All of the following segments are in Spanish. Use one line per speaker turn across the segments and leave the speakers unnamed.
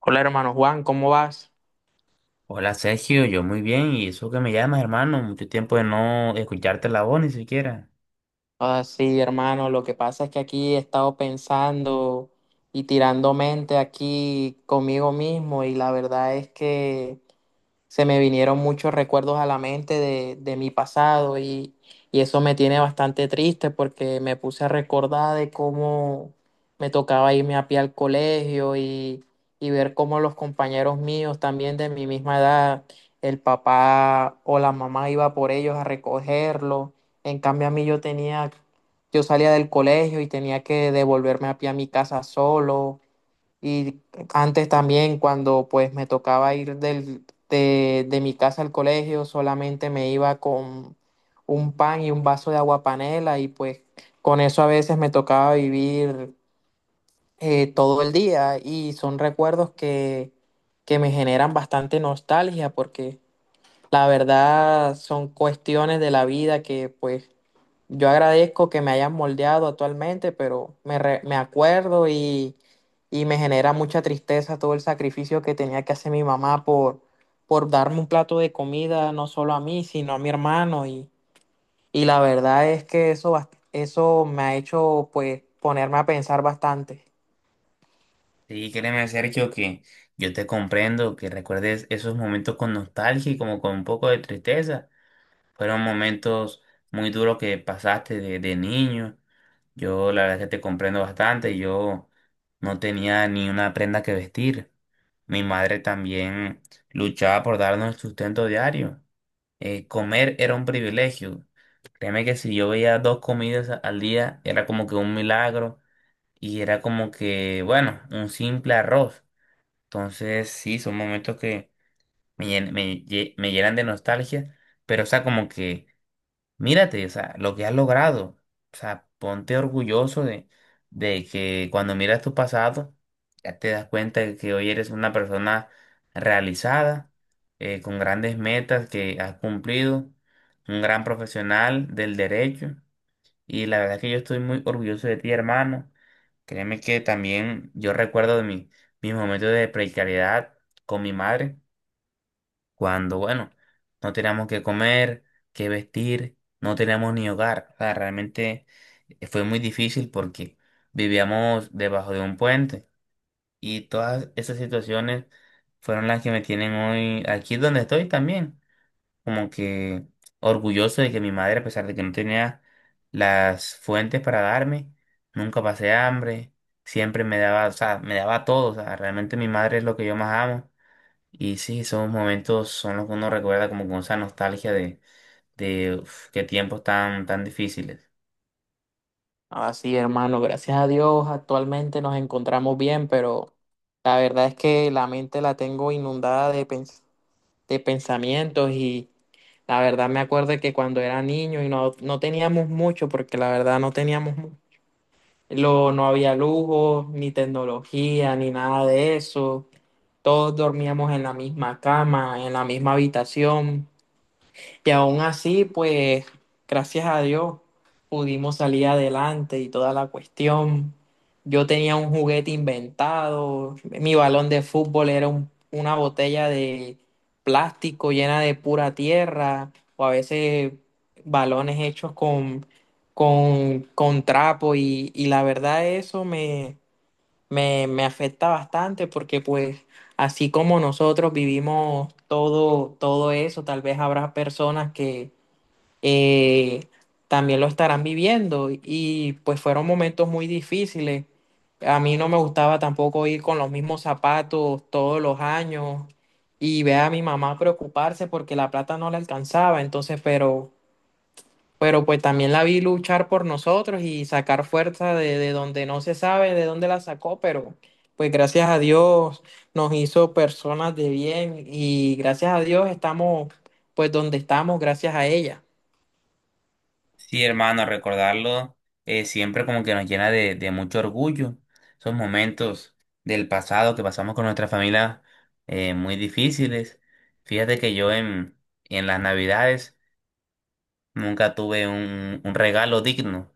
Hola hermano Juan, ¿cómo vas?
Hola Sergio, yo muy bien, y eso que me llamas, hermano, mucho tiempo de no escucharte la voz ni siquiera.
Ah, sí, hermano, lo que pasa es que aquí he estado pensando y tirando mente aquí conmigo mismo y la verdad es que se me vinieron muchos recuerdos a la mente de mi pasado y eso me tiene bastante triste porque me puse a recordar de cómo me tocaba irme a pie al colegio y ver cómo los compañeros míos también de mi misma edad, el papá o la mamá iba por ellos a recogerlo. En cambio a mí yo tenía, yo salía del colegio y tenía que devolverme a pie a mi casa solo y antes también cuando pues me tocaba ir de mi casa al colegio, solamente me iba con un pan y un vaso de agua panela y pues con eso a veces me tocaba vivir todo el día y son recuerdos que me generan bastante nostalgia porque la verdad son cuestiones de la vida que pues yo agradezco que me hayan moldeado actualmente, pero me acuerdo y me genera mucha tristeza todo el sacrificio que tenía que hacer mi mamá por darme un plato de comida, no solo a mí, sino a mi hermano. Y la verdad es que eso me ha hecho pues ponerme a pensar bastante.
Sí, créeme Sergio que yo te comprendo, que recuerdes esos momentos con nostalgia y como con un poco de tristeza. Fueron momentos muy duros que pasaste de niño. Yo la verdad que te comprendo bastante, yo no tenía ni una prenda que vestir. Mi madre también luchaba por darnos el sustento diario. Comer era un privilegio. Créeme que si yo veía dos comidas al día, era como que un milagro y era como que, bueno, un simple arroz. Entonces, sí, son momentos que me llenan de nostalgia, pero, o sea, como que, mírate, o sea, lo que has logrado, o sea, ponte orgulloso de que cuando miras tu pasado, ya te das cuenta de que hoy eres una persona realizada, con grandes metas que has cumplido, un gran profesional del derecho. Y la verdad es que yo estoy muy orgulloso de ti, hermano. Créeme que también yo recuerdo de mis momentos de precariedad con mi madre, cuando, bueno, no teníamos que comer, que vestir, no teníamos ni hogar. O sea, realmente fue muy difícil porque vivíamos debajo de un puente y todas esas situaciones fueron las que me tienen hoy aquí donde estoy también como que orgulloso de que mi madre, a pesar de que no tenía las fuentes para darme, nunca pasé hambre, siempre me daba, o sea, me daba todo, o sea, realmente mi madre es lo que yo más amo. Y sí, esos momentos son los que uno recuerda como con esa nostalgia de uf, qué tiempos tan difíciles.
Así, hermano, gracias a Dios, actualmente nos encontramos bien, pero la verdad es que la mente la tengo inundada de pensamientos y la verdad me acuerdo que cuando era niño y no teníamos mucho, porque la verdad no teníamos, no había lujo, ni tecnología, ni nada de eso. Todos dormíamos en la misma cama, en la misma habitación. Y aún así, pues, gracias a Dios, pudimos salir adelante y toda la cuestión. Yo tenía un juguete inventado, mi balón de fútbol era una botella de plástico llena de pura tierra, o a veces balones hechos con trapo, y la verdad eso me afecta bastante porque pues así como nosotros vivimos todo, todo eso, tal vez habrá personas que eh, también lo estarán viviendo y pues fueron momentos muy difíciles. A mí no me gustaba tampoco ir con los mismos zapatos todos los años y ver a mi mamá preocuparse porque la plata no le alcanzaba, entonces, pero pues también la vi luchar por nosotros y sacar fuerza de donde no se sabe de dónde la sacó, pero pues gracias a Dios nos hizo personas de bien y gracias a Dios estamos pues donde estamos gracias a ella.
Sí, hermano, recordarlo siempre como que nos llena de mucho orgullo. Esos momentos del pasado que pasamos con nuestra familia muy difíciles. Fíjate que yo en las Navidades nunca tuve un regalo digno.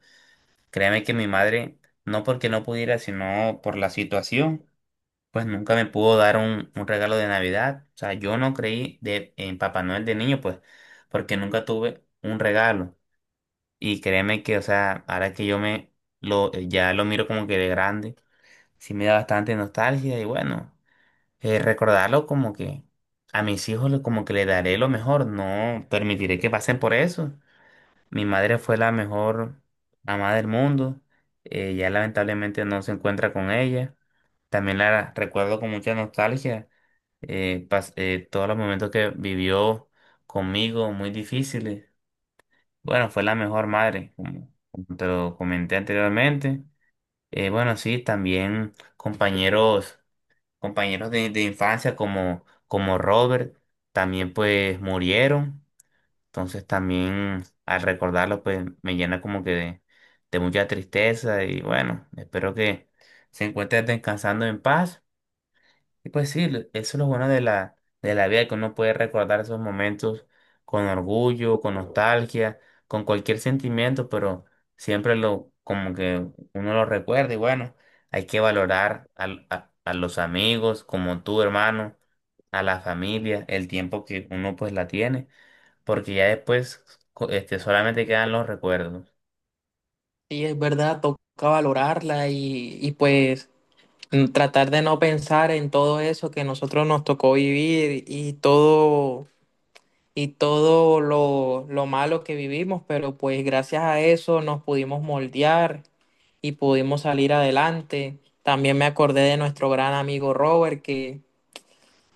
Créeme que mi madre, no porque no pudiera, sino por la situación, pues nunca me pudo dar un regalo de Navidad. O sea, yo no creí en Papá Noel de niño, pues, porque nunca tuve un regalo. Y créeme que, o sea, ahora que yo me lo ya lo miro como que de grande, sí me da bastante nostalgia y bueno, recordarlo como que a mis hijos como que le daré lo mejor, no permitiré que pasen por eso. Mi madre fue la mejor mamá del mundo, ya lamentablemente no se encuentra con ella. También la recuerdo con mucha nostalgia, todos los momentos que vivió conmigo muy difíciles, bueno, fue la mejor madre, como, como te lo comenté anteriormente. Bueno, sí, también compañeros de infancia como, como Robert, también pues murieron. Entonces también al recordarlo pues me llena como que de mucha tristeza y bueno, espero que se encuentren descansando en paz. Y pues sí, eso es lo bueno de la vida, que uno puede recordar esos momentos con orgullo, con nostalgia, con cualquier sentimiento, pero siempre lo, como que uno lo recuerda y bueno, hay que valorar a los amigos como tu hermano, a la familia, el tiempo que uno pues la tiene, porque ya después solamente quedan los recuerdos.
Sí, es verdad, toca valorarla y pues tratar de no pensar en todo eso que nosotros nos tocó vivir y todo y lo malo que vivimos, pero pues gracias a eso nos pudimos moldear y pudimos salir adelante. También me acordé de nuestro gran amigo Robert, que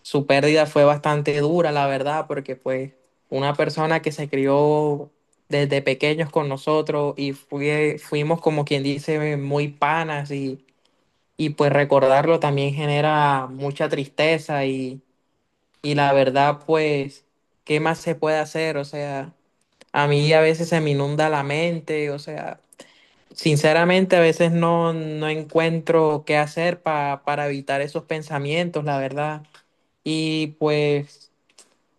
su pérdida fue bastante dura, la verdad, porque pues una persona que se crió desde pequeños con nosotros y fuimos como quien dice muy panas y pues recordarlo también genera mucha tristeza y la verdad, pues, ¿qué más se puede hacer? O sea, a mí a veces se me inunda la mente, o sea, sinceramente a veces no encuentro qué hacer para evitar esos pensamientos, la verdad. Y pues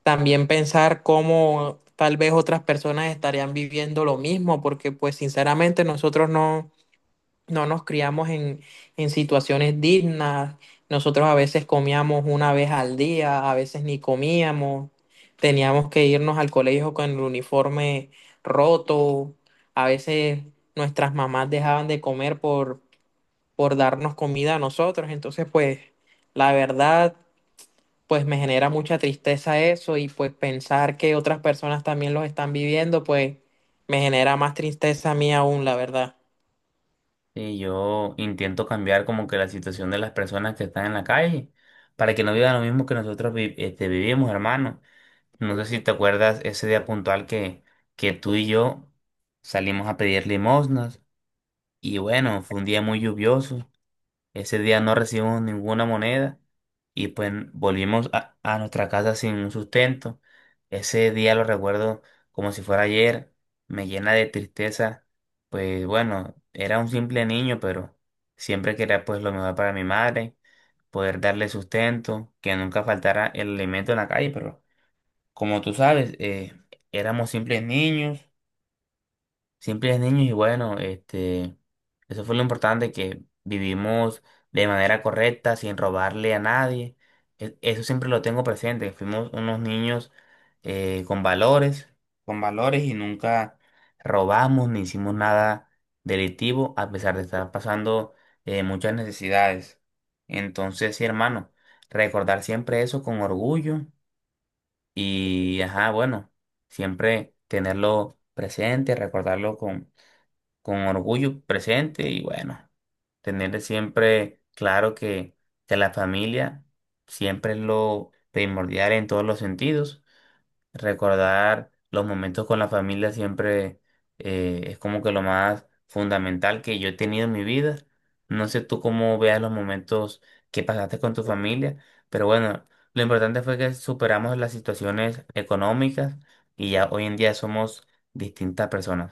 también pensar cómo tal vez otras personas estarían viviendo lo mismo, porque pues sinceramente nosotros no, no nos criamos en situaciones dignas. Nosotros a veces comíamos una vez al día, a veces ni comíamos. Teníamos que irnos al colegio con el uniforme roto. A veces nuestras mamás dejaban de comer por darnos comida a nosotros. Entonces, pues, la verdad, pues me genera mucha tristeza eso y pues pensar que otras personas también los están viviendo, pues me genera más tristeza a mí aún, la verdad.
Y yo intento cambiar como que la situación de las personas que están en la calle para que no vivan lo mismo que nosotros vivimos, hermano. No sé si te acuerdas ese día puntual que tú y yo salimos a pedir limosnas y bueno, fue un día muy lluvioso, ese día no recibimos ninguna moneda y pues volvimos a nuestra casa sin un sustento. Ese día lo recuerdo como si fuera ayer, me llena de tristeza. Pues bueno, era un simple niño, pero siempre quería pues lo mejor para mi madre, poder darle sustento, que nunca faltara el alimento en la calle, pero como tú sabes, éramos simples niños. Siempre es niños y bueno, este, eso fue lo importante, que vivimos de manera correcta, sin robarle a nadie. Eso siempre lo tengo presente, que fuimos unos niños eh, con valores, con valores y nunca robamos ni hicimos nada delictivo a pesar de estar pasando muchas necesidades. Entonces, sí, hermano, recordar siempre eso con orgullo y, ajá, bueno, siempre tenerlo presente, recordarlo con orgullo presente y bueno, tener siempre claro que la familia siempre es lo primordial en todos los sentidos. Recordar los momentos con la familia siempre es como que lo más fundamental que yo he tenido en mi vida. No sé tú cómo veas los momentos que pasaste con tu familia, pero bueno, lo importante fue que superamos las situaciones económicas y ya hoy en día somos distintas personas.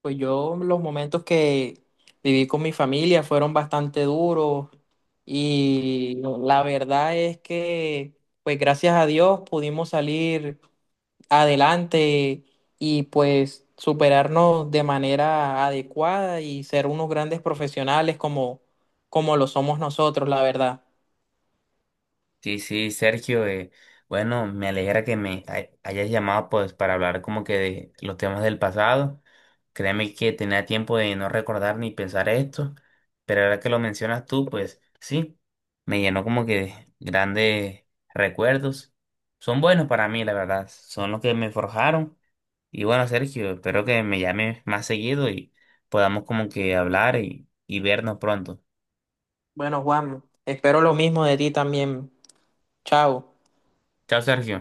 Pues yo los momentos que viví con mi familia fueron bastante duros y la verdad es que pues gracias a Dios pudimos salir adelante y pues superarnos de manera adecuada y ser unos grandes profesionales como, como lo somos nosotros, la verdad.
Sí, sí, Sergio, bueno, me alegra que me hayas llamado pues para hablar como que de los temas del pasado. Créeme que tenía tiempo de no recordar ni pensar esto, pero ahora que lo mencionas tú, pues sí, me llenó como que de grandes recuerdos. Son buenos para mí, la verdad, son los que me forjaron. Y bueno, Sergio, espero que me llames más seguido y podamos como que hablar y vernos pronto.
Bueno, Juan, espero lo mismo de ti también. Chao.
Chao, Sergio.